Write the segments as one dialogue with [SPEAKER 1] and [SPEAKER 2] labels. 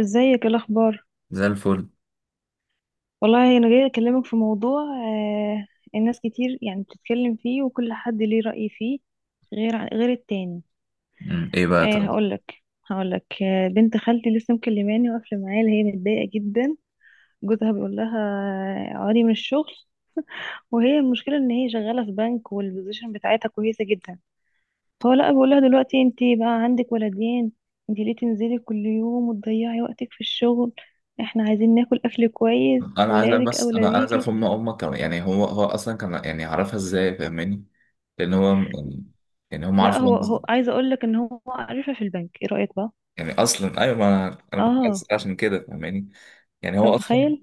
[SPEAKER 1] ازيك؟ ايه الاخبار؟
[SPEAKER 2] زي الفل.
[SPEAKER 1] والله انا جايه اكلمك في موضوع. الناس كتير يعني بتتكلم فيه وكل حد ليه رأي فيه غير غير التاني.
[SPEAKER 2] مم. ايه بقى طب؟
[SPEAKER 1] هقولك. بنت خالتي لسه مكلماني واقفه معايا، اللي هي متضايقه جدا. جوزها بيقول لها اقعدي من الشغل، وهي المشكله ان هي شغاله في بنك والبوزيشن بتاعتها كويسه جدا. هو لا بيقول لها دلوقتي انت بقى عندك ولدين، انت ليه تنزلي كل يوم وتضيعي وقتك في الشغل؟ احنا عايزين ناكل اكل كويس،
[SPEAKER 2] انا عايز
[SPEAKER 1] ولادك
[SPEAKER 2] بس
[SPEAKER 1] اولى
[SPEAKER 2] انا انا عايز
[SPEAKER 1] بيكي.
[SPEAKER 2] افهم امك كمان، يعني هو اصلا كان يعني عرفها ازاي، فاهماني؟ لان هو يعني هم
[SPEAKER 1] لا،
[SPEAKER 2] عارفوا،
[SPEAKER 1] هو هو عايزه اقول لك ان هو عارفها في البنك. ايه رايك بقى؟
[SPEAKER 2] يعني اصلا، ايوه، ما انا كنت عايز
[SPEAKER 1] اه.
[SPEAKER 2] أسأل عشان كده، فاهماني؟ يعني
[SPEAKER 1] انت
[SPEAKER 2] هو اصلا
[SPEAKER 1] متخيل؟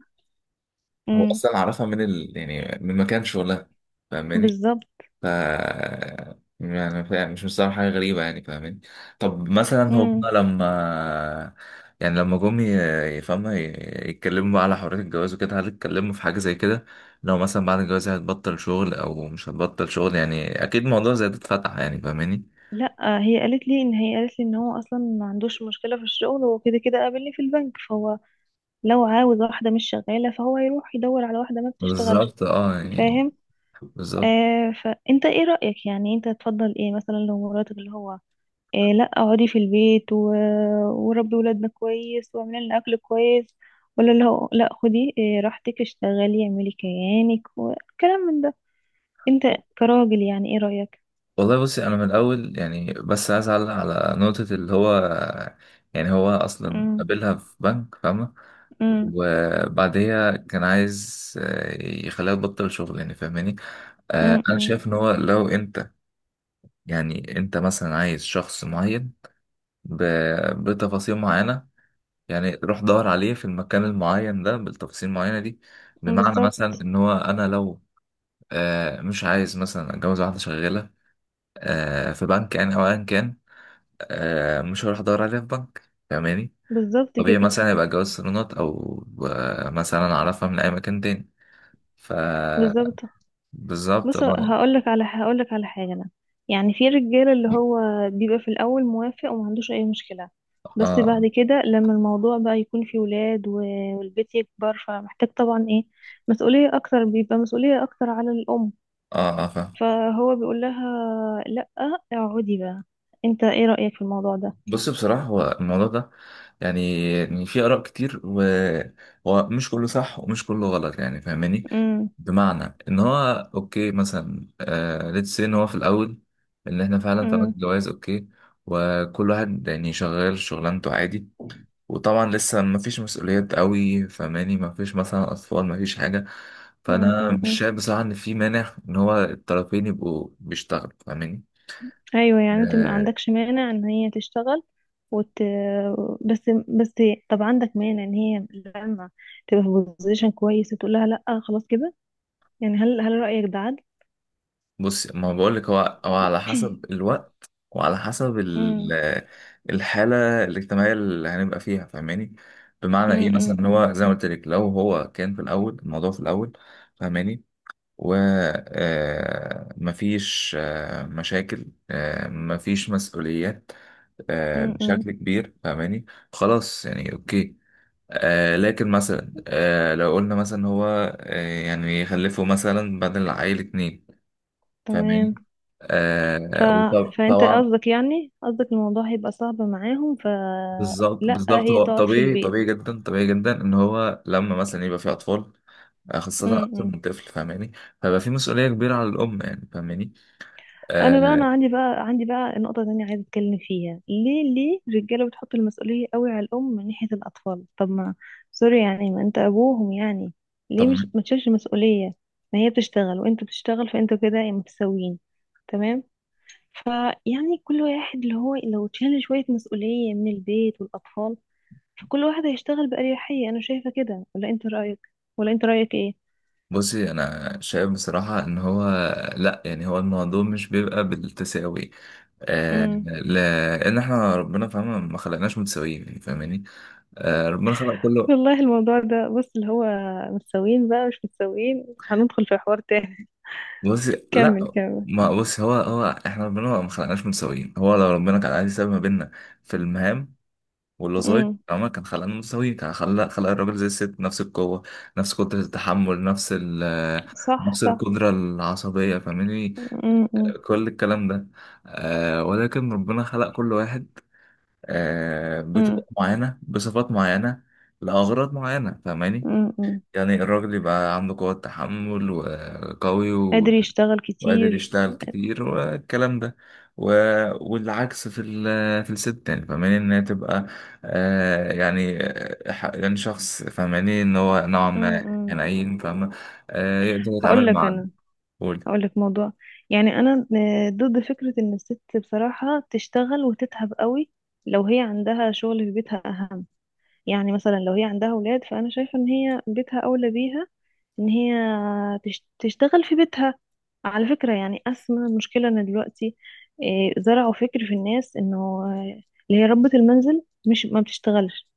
[SPEAKER 2] هو
[SPEAKER 1] امم.
[SPEAKER 2] اصلا عرفها من ال يعني من مكان شغلها، فاهماني.
[SPEAKER 1] بالظبط.
[SPEAKER 2] ف يعني مش مستوعب حاجة غريبة، يعني فاهمين. طب مثلا هم
[SPEAKER 1] امم.
[SPEAKER 2] لما، يعني لما جم ي- يفهموا ي- يتكلموا بقى على حرية الجواز وكده، هل اتكلموا في حاجة زي كده؟ لو مثلا بعد الجواز هتبطل شغل أو مش هتبطل شغل، يعني أكيد موضوع زي ده اتفتح، يعني فاهماني.
[SPEAKER 1] لا، هي قالت لي ان هو اصلا ما عندوش مشكله في الشغل، هو كده كده قابلني في البنك، فهو لو عاوز واحده مش شغاله فهو يروح يدور على واحده ما بتشتغلش.
[SPEAKER 2] بالظبط، اه يعني.
[SPEAKER 1] فاهم.
[SPEAKER 2] بالظبط.
[SPEAKER 1] آه، فانت ايه رايك؟ يعني انت تفضل ايه مثلا لو مراتك اللي هو إيه، لا اقعدي في البيت وربي ولادنا كويس واعملي لنا اكل كويس، ولا لا خدي إيه راحتك اشتغلي اعملي كيانك وكلام من ده؟ انت كراجل يعني ايه رأيك؟
[SPEAKER 2] والله بصي، انا من الاول، يعني بس عايز اعلق على نقطه، اللي هو يعني هو اصلا
[SPEAKER 1] امم.
[SPEAKER 2] قابلها في بنك، فاهمه.
[SPEAKER 1] امم.
[SPEAKER 2] وبعديها كان عايز، يخليها تبطل شغل، يعني فاهماني. انا
[SPEAKER 1] امم.
[SPEAKER 2] شايف ان هو، لو انت يعني انت مثلا عايز شخص معين بتفاصيل معينة، يعني روح دور عليه في المكان المعين ده بالتفاصيل المعينة دي. بمعنى مثلا
[SPEAKER 1] بالظبط.
[SPEAKER 2] ان هو، انا لو مش عايز مثلا اتجوز واحدة شغالة في بنك يعني، او ايا كان، مش هروح ادور عليها في بنك، فاهماني.
[SPEAKER 1] بالظبط
[SPEAKER 2] طبيعي
[SPEAKER 1] كده.
[SPEAKER 2] مثلا يبقى جواز صالونات، او مثلا اعرفها من اي مكان تاني. ف،
[SPEAKER 1] بالظبط.
[SPEAKER 2] بالظبط
[SPEAKER 1] بص،
[SPEAKER 2] اه.
[SPEAKER 1] هقولك على حاجة أنا. يعني في رجالة اللي هو بيبقى في الأول موافق وما عندوش أي مشكلة، بس بعد
[SPEAKER 2] اه.
[SPEAKER 1] كده لما الموضوع بقى يكون فيه ولاد والبيت يكبر، فمحتاج طبعا إيه، مسؤولية أكتر، بيبقى مسؤولية أكتر على الأم،
[SPEAKER 2] اه اه فاهم.
[SPEAKER 1] فهو بيقول لها لأ اقعدي بقى. أنت إيه رأيك في الموضوع ده؟
[SPEAKER 2] بص، بصراحة هو الموضوع ده، يعني في آراء كتير، وهو مش كله صح ومش كله غلط، يعني فاهماني.
[SPEAKER 1] امم.
[SPEAKER 2] بمعنى إن هو، أوكي مثلا، آه، ليتس إن هو في الأول، إن إحنا فعلا طلعنا
[SPEAKER 1] امم.
[SPEAKER 2] جواز، أوكي، وكل واحد يعني شغال شغلانته عادي. وطبعا لسه مفيش مسؤوليات قوي، فاهماني، مفيش مثلا أطفال، مفيش حاجة.
[SPEAKER 1] امم،
[SPEAKER 2] فأنا
[SPEAKER 1] امم،
[SPEAKER 2] مش
[SPEAKER 1] امم.
[SPEAKER 2] شايف بصراحة إن في مانع إن هو الطرفين يبقوا بيشتغلوا، فاهماني.
[SPEAKER 1] ايوه، يعني انت ما
[SPEAKER 2] آه،
[SPEAKER 1] عندكش مانع ان هي تشتغل وت... بس، طب عندك مانع ان هي لما تبقى في بوزيشن كويس تقول لها لا خلاص كده؟ يعني هل رأيك ده عدل؟
[SPEAKER 2] بص، ما بقول لك، هو على حسب الوقت، وعلى حسب
[SPEAKER 1] امم.
[SPEAKER 2] الحالة الاجتماعية اللي هنبقى فيها، فاهماني. بمعنى ايه
[SPEAKER 1] امم.
[SPEAKER 2] مثلا، إن
[SPEAKER 1] امم.
[SPEAKER 2] هو زي ما قلت لك، لو هو كان في الاول الموضوع في الاول، فاهماني، و مفيش مشاكل، مفيش مسؤوليات
[SPEAKER 1] امم. أمم.
[SPEAKER 2] بشكل كبير، فاهماني. خلاص، يعني اوكي. آه، لكن مثلا، آه لو قلنا مثلا هو، آه، يعني يخلفوا مثلا بدل العيل اتنين، فاهماني،
[SPEAKER 1] تمام. ف...
[SPEAKER 2] آه،
[SPEAKER 1] فانت
[SPEAKER 2] وطبعا.
[SPEAKER 1] قصدك، يعني قصدك الموضوع هيبقى صعب معاهم
[SPEAKER 2] بالظبط
[SPEAKER 1] فلا
[SPEAKER 2] بالظبط.
[SPEAKER 1] هي
[SPEAKER 2] هو
[SPEAKER 1] تقعد في
[SPEAKER 2] طبيعي،
[SPEAKER 1] البيت.
[SPEAKER 2] طبيعي جدا، طبيعي جدا ان هو لما مثلا يبقى في اطفال، خاصة
[SPEAKER 1] أمم.
[SPEAKER 2] اكتر
[SPEAKER 1] أمم.
[SPEAKER 2] من طفل، فاهماني. فبقى في مسؤولية كبيرة على الام، يعني فاهماني.
[SPEAKER 1] انا بقى انا
[SPEAKER 2] آه.
[SPEAKER 1] عندي بقى نقطه تانية عايزه اتكلم فيها. ليه الرجاله بتحط المسؤوليه قوي على الام من ناحيه الاطفال؟ طب ما سوري، يعني ما انت ابوهم يعني، ليه مش
[SPEAKER 2] طبعا.
[SPEAKER 1] ما تشيلش المسؤوليه؟ ما هي بتشتغل وانت بتشتغل فانتوا كده متساويين. تمام. فيعني كل واحد اللي هو لو تشيل شويه مسؤوليه من البيت والاطفال، فكل واحد هيشتغل باريحيه. انا شايفه كده، ولا انت رايك
[SPEAKER 2] بصي، انا شايف بصراحة ان هو، لا يعني هو الموضوع مش بيبقى بالتساوي. آه،
[SPEAKER 1] ايه؟
[SPEAKER 2] لان احنا ربنا، فاهمة، ما خلقناش متساويين، يعني فاهماني. آه، ربنا خلق كل.
[SPEAKER 1] والله الموضوع ده بص اللي هو متساويين بقى مش متساويين، هندخل في حوار تاني.
[SPEAKER 2] بص،
[SPEAKER 1] كمل،
[SPEAKER 2] لا.
[SPEAKER 1] كمل.
[SPEAKER 2] ما بص، هو احنا ربنا ما خلقناش متساويين، هو لو ربنا كان عايز يساوي ما بيننا في المهام والوظائف،
[SPEAKER 1] امم.
[SPEAKER 2] عمر كان خلقنا متساويين. كان خلق الراجل زي الست، نفس القوة، نفس قدرة التحمل، نفس ال،
[SPEAKER 1] صح،
[SPEAKER 2] نفس
[SPEAKER 1] صح.
[SPEAKER 2] القدرة العصبية، فاهمني،
[SPEAKER 1] امم. امم.
[SPEAKER 2] كل الكلام ده. آه، ولكن ربنا خلق كل واحد آه بطريقة
[SPEAKER 1] امم.
[SPEAKER 2] معينة، بصفات معينة، لأغراض معينة، فاهماني.
[SPEAKER 1] امم، امم.
[SPEAKER 2] يعني الراجل يبقى عنده قوة تحمل، وقوي،
[SPEAKER 1] قادر
[SPEAKER 2] وقادر
[SPEAKER 1] يشتغل كتير.
[SPEAKER 2] يشتغل كتير والكلام ده، و، والعكس في ال، في الست، يعني فاهماني، ان هي تبقى آه، يعني، يعني شخص، فاهماني، ان هو نوعا
[SPEAKER 1] امم.
[SPEAKER 2] ما
[SPEAKER 1] امم.
[SPEAKER 2] حنين، فاهمة، آه، يقدر
[SPEAKER 1] هقول
[SPEAKER 2] يتعامل
[SPEAKER 1] لك
[SPEAKER 2] مع.
[SPEAKER 1] انا،
[SPEAKER 2] قول.
[SPEAKER 1] هقول لك موضوع. يعني انا آه، ضد فكرة ان الست بصراحة تشتغل وتتعب قوي، لو هي عندها شغل في بيتها اهم. يعني مثلا لو هي عندها اولاد، فانا شايفة ان هي بيتها اولى بيها، ان هي تشتغل في بيتها. على فكرة، يعني أسمى مشكلة ان دلوقتي إيه، زرعوا فكر في الناس انه اللي هي ربة المنزل مش ما بتشتغلش.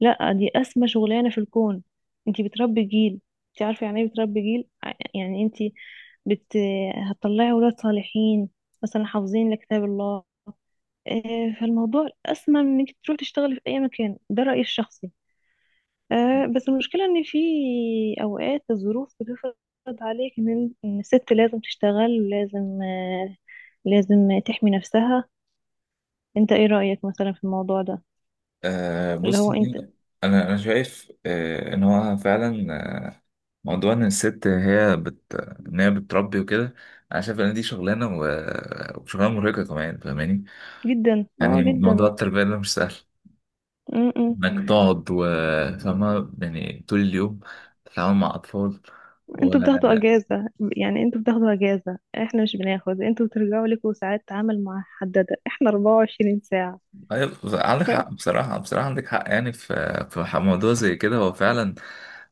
[SPEAKER 1] لا، دي أسمى شغلانة في الكون. انتي بتربي جيل. انتي عارفة يعني ايه بتربي جيل؟ يعني انتي بت هتطلعي ولاد صالحين، مثلا حافظين لكتاب الله. آه، فالموضوع أسمى من انك تروح تشتغلي في أي مكان. ده رأيي الشخصي. آه، بس المشكلة ان في اوقات الظروف بتفرض عليك ان إن الست لازم تشتغل، ولازم آه، لازم تحمي نفسها. انت ايه رأيك مثلا في الموضوع ده
[SPEAKER 2] آه
[SPEAKER 1] اللي
[SPEAKER 2] بص،
[SPEAKER 1] هو انت؟
[SPEAKER 2] انا شايف آه ان هو فعلا، موضوع ان الست هي بت، ان هي بتربي وكده، انا شايف ان دي شغلانه، و... وشغلانه مرهقه كمان، فاهماني.
[SPEAKER 1] جدا، اه
[SPEAKER 2] يعني موضوع
[SPEAKER 1] جدا.
[SPEAKER 2] التربيه ده مش سهل،
[SPEAKER 1] م-م.
[SPEAKER 2] انك تقعد و، فاهمة، يعني طول اليوم تتعامل مع اطفال و.
[SPEAKER 1] انتوا بتاخدوا اجازة، يعني انتوا بتاخدوا اجازة، احنا مش بناخد. انتوا بترجعوا لكم ساعات عمل محددة، احنا 24 ساعة.
[SPEAKER 2] أيوة، عندك حق.
[SPEAKER 1] ف
[SPEAKER 2] بصراحة، بصراحة عندك حق يعني، في موضوع زي كده، هو فعلا،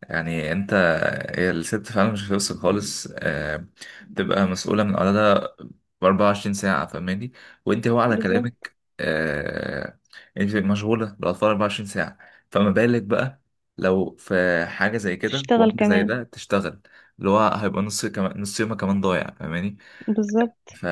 [SPEAKER 2] يعني انت، هي الست فعلا مش هتوصل خالص، تبقى مسؤولة من أولادها 24 ساعة، فاهماني. وانت، هو على
[SPEAKER 1] بالظبط.
[SPEAKER 2] كلامك آه، انت بتبقى مشغولة بالأطفال 24 ساعة. فما بالك بقى لو في حاجة زي كده،
[SPEAKER 1] تشتغل
[SPEAKER 2] وحاجة زي
[SPEAKER 1] كمان.
[SPEAKER 2] ده تشتغل؟ اللي هو هيبقى نص كمان، نص يومك كمان ضايع، فاهماني.
[SPEAKER 1] بالظبط.
[SPEAKER 2] ف،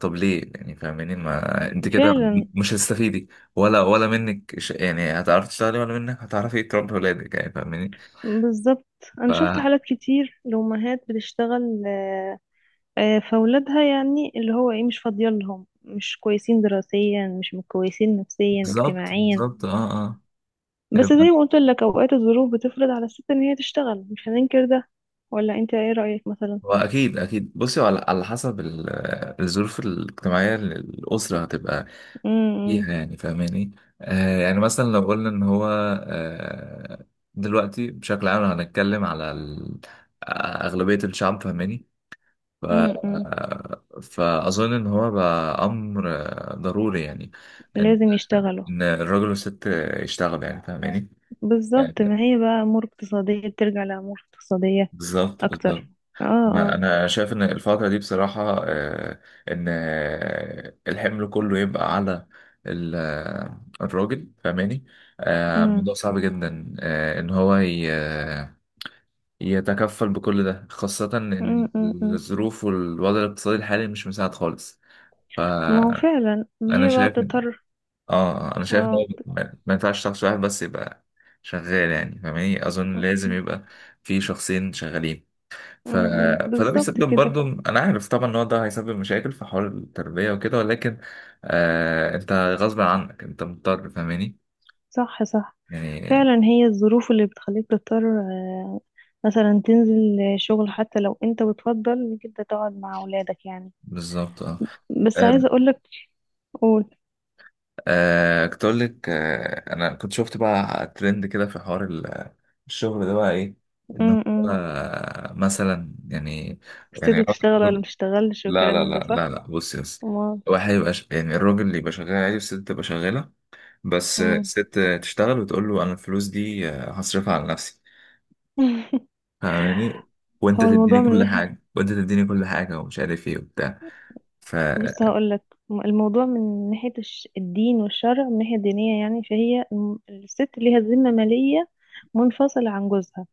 [SPEAKER 2] طب ليه يعني، فاهماني، ما انت كده
[SPEAKER 1] فعلا.
[SPEAKER 2] مش هتستفيدي، ولا منك ش، يعني هتعرفي تشتغلي، ولا منك هتعرفي تربي ولادك، يعني فاهماني.
[SPEAKER 1] بالظبط.
[SPEAKER 2] ف،
[SPEAKER 1] انا شفت حالات كتير لأمهات بتشتغل، آه، آه، فاولادها يعني اللي هو ايه مش فاضيه لهم، مش كويسين دراسيا، مش كويسين نفسيا
[SPEAKER 2] بالظبط
[SPEAKER 1] اجتماعيا.
[SPEAKER 2] بالظبط، اه اه.
[SPEAKER 1] بس زي ما قلت لك، اوقات الظروف بتفرض على الست ان هي تشتغل، مش هننكر ده. ولا انت ايه رايك مثلا؟
[SPEAKER 2] هو اكيد اكيد. بصي، هو على حسب الظروف الاجتماعيه اللي الاسره هتبقى
[SPEAKER 1] امم.
[SPEAKER 2] فيها، يعني فاهماني. آه، يعني مثلا لو قلنا ان هو آه، دلوقتي بشكل عام لو هنتكلم على اغلبيه الشعب، فاهماني. ف
[SPEAKER 1] امم.
[SPEAKER 2] فاظن ان هو بقى امر ضروري يعني، ان،
[SPEAKER 1] لازم يشتغلوا.
[SPEAKER 2] إن الراجل والست يشتغلوا، يعني فاهماني. آه،
[SPEAKER 1] بالظبط، ما هي بقى امور اقتصاديه، بترجع لامور اقتصاديه
[SPEAKER 2] بالظبط بالظبط.
[SPEAKER 1] اكتر. اه،
[SPEAKER 2] ما
[SPEAKER 1] اه.
[SPEAKER 2] انا شايف ان الفتره دي بصراحه، ان الحمل كله يبقى على الراجل، فاهماني.
[SPEAKER 1] امم.
[SPEAKER 2] الموضوع صعب جدا، ان هو يتكفل بكل ده، خاصه ان
[SPEAKER 1] امم.
[SPEAKER 2] الظروف والوضع الاقتصادي الحالي مش مساعد خالص.
[SPEAKER 1] ما هو
[SPEAKER 2] فانا
[SPEAKER 1] فعلا، ما هي بقى
[SPEAKER 2] شايف،
[SPEAKER 1] بتضطر.
[SPEAKER 2] اه انا شايف ان
[SPEAKER 1] اه
[SPEAKER 2] هو ما ينفعش شخص واحد بس يبقى شغال، يعني فاهماني. اظن
[SPEAKER 1] م-
[SPEAKER 2] لازم يبقى في شخصين شغالين. ف، فده
[SPEAKER 1] بالظبط
[SPEAKER 2] بيسبب
[SPEAKER 1] كده.
[SPEAKER 2] برضو، انا عارف طبعا ان هو ده هيسبب مشاكل في حوار التربية وكده، ولكن آه، انت غصب عنك، انت مضطر، فاهماني
[SPEAKER 1] صح، صح.
[SPEAKER 2] يعني.
[SPEAKER 1] فعلا هي الظروف اللي بتخليك تضطر آه، مثلا تنزل شغل حتى لو انت بتفضل انك انت تقعد مع اولادك يعني.
[SPEAKER 2] بالظبط اه.
[SPEAKER 1] بس
[SPEAKER 2] آه،
[SPEAKER 1] عايزه اقولك. قول.
[SPEAKER 2] كنت اقول لك، انا كنت شفت بقى ترند كده في حوار الشغل ده بقى ايه، ان هو
[SPEAKER 1] امم.
[SPEAKER 2] مثلا يعني، يعني
[SPEAKER 1] ستي تشتغل ولا
[SPEAKER 2] الراجل،
[SPEAKER 1] مش تشتغلش
[SPEAKER 2] لا
[SPEAKER 1] وكلام
[SPEAKER 2] لا
[SPEAKER 1] من
[SPEAKER 2] لا
[SPEAKER 1] ده،
[SPEAKER 2] لا
[SPEAKER 1] صح؟
[SPEAKER 2] لا، بصي بس،
[SPEAKER 1] امال.
[SPEAKER 2] واحد يبقى يعني الراجل اللي يبقى شغال عادي، والست تبقى شغالة، بس
[SPEAKER 1] أمم.
[SPEAKER 2] الست تشتغل وتقول له، انا الفلوس دي هصرفها على نفسي، فاهماني، وانت
[SPEAKER 1] هو الموضوع
[SPEAKER 2] تديني
[SPEAKER 1] من
[SPEAKER 2] كل
[SPEAKER 1] ناحيه،
[SPEAKER 2] حاجه، وانت تديني كل حاجه، ومش عارف ايه وبتاع.
[SPEAKER 1] بص
[SPEAKER 2] فمظبوط.
[SPEAKER 1] هقولك. الموضوع من ناحيه الدين والشرع، من ناحيه دينيه يعني، فهي الست ليها ذمه ماليه منفصله عن جوزها.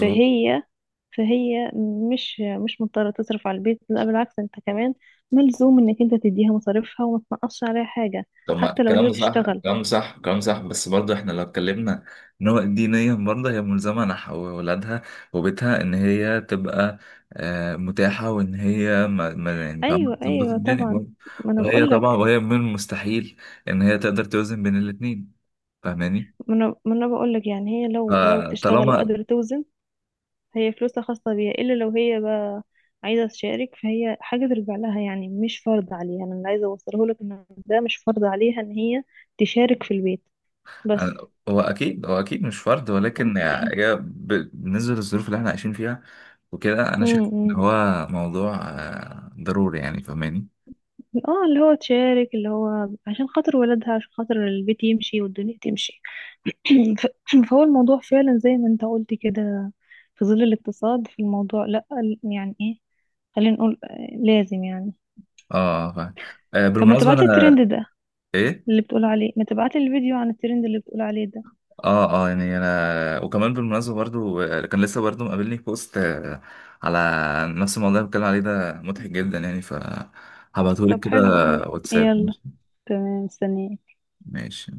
[SPEAKER 1] فهي فهي مش مضطرة تصرف على البيت. لا بالعكس، انت كمان ملزوم انك انت تديها مصاريفها وما تنقصش عليها حاجة
[SPEAKER 2] طب، ما
[SPEAKER 1] حتى لو
[SPEAKER 2] الكلام
[SPEAKER 1] هي
[SPEAKER 2] ده صح،
[SPEAKER 1] بتشتغل.
[SPEAKER 2] الكلام ده صح، الكلام ده صح، بس برضه احنا لو اتكلمنا، ان هو دينيا برضه هي ملزمه نحو ولادها وبيتها، ان هي تبقى متاحه، وان هي يعني فاهمه،
[SPEAKER 1] ايوه،
[SPEAKER 2] تظبط
[SPEAKER 1] ايوه
[SPEAKER 2] الدنيا
[SPEAKER 1] طبعا.
[SPEAKER 2] برضه.
[SPEAKER 1] ما انا
[SPEAKER 2] وهي
[SPEAKER 1] بقول
[SPEAKER 2] طبعا،
[SPEAKER 1] لك.
[SPEAKER 2] وهي من المستحيل ان هي تقدر توزن بين الاثنين، فاهماني.
[SPEAKER 1] ما انا ما انا بقول لك، يعني هي لو لو بتشتغل
[SPEAKER 2] فطالما،
[SPEAKER 1] وقادرة توزن، هي فلوسها خاصة بيها. الا لو هي بقى عايزة تشارك، فهي حاجة ترجع لها. يعني مش فرض عليها. انا اللي عايزة اوصله لك ان ده مش فرض عليها ان هي تشارك في البيت. بس
[SPEAKER 2] هو اكيد، هو اكيد مش فرض، ولكن بالنسبه للظروف اللي احنا عايشين فيها وكده، انا
[SPEAKER 1] م-
[SPEAKER 2] شايف ان
[SPEAKER 1] م.
[SPEAKER 2] هو موضوع ضروري يعني، فاهماني.
[SPEAKER 1] اه، اللي هو تشارك اللي هو عشان خاطر ولادها، عشان خاطر البيت يمشي والدنيا تمشي. ف- فهو الموضوع فعلا زي ما انت قلت كده، في ظل الاقتصاد، في الموضوع لا يعني ايه، خلينا نقول آه، لازم يعني.
[SPEAKER 2] اه فاهم.
[SPEAKER 1] طب ما
[SPEAKER 2] بالمناسبه
[SPEAKER 1] تبعتلي
[SPEAKER 2] انا.
[SPEAKER 1] الترند ده
[SPEAKER 2] ايه.
[SPEAKER 1] اللي بتقول عليه، ما تبعتلي الفيديو عن الترند اللي بتقول عليه ده.
[SPEAKER 2] اه اه، يعني انا، وكمان بالمناسبه برضو كان لسه برضو مقابلني بوست، على نفس الموضوع اللي بتكلم عليه ده، مضحك جدا، يعني ف هبعتهولك
[SPEAKER 1] طب
[SPEAKER 2] كده.
[SPEAKER 1] حلو قوي،
[SPEAKER 2] واتساب،
[SPEAKER 1] يلا.
[SPEAKER 2] ماشي.
[SPEAKER 1] تمام، مستنيه.
[SPEAKER 2] ماشي.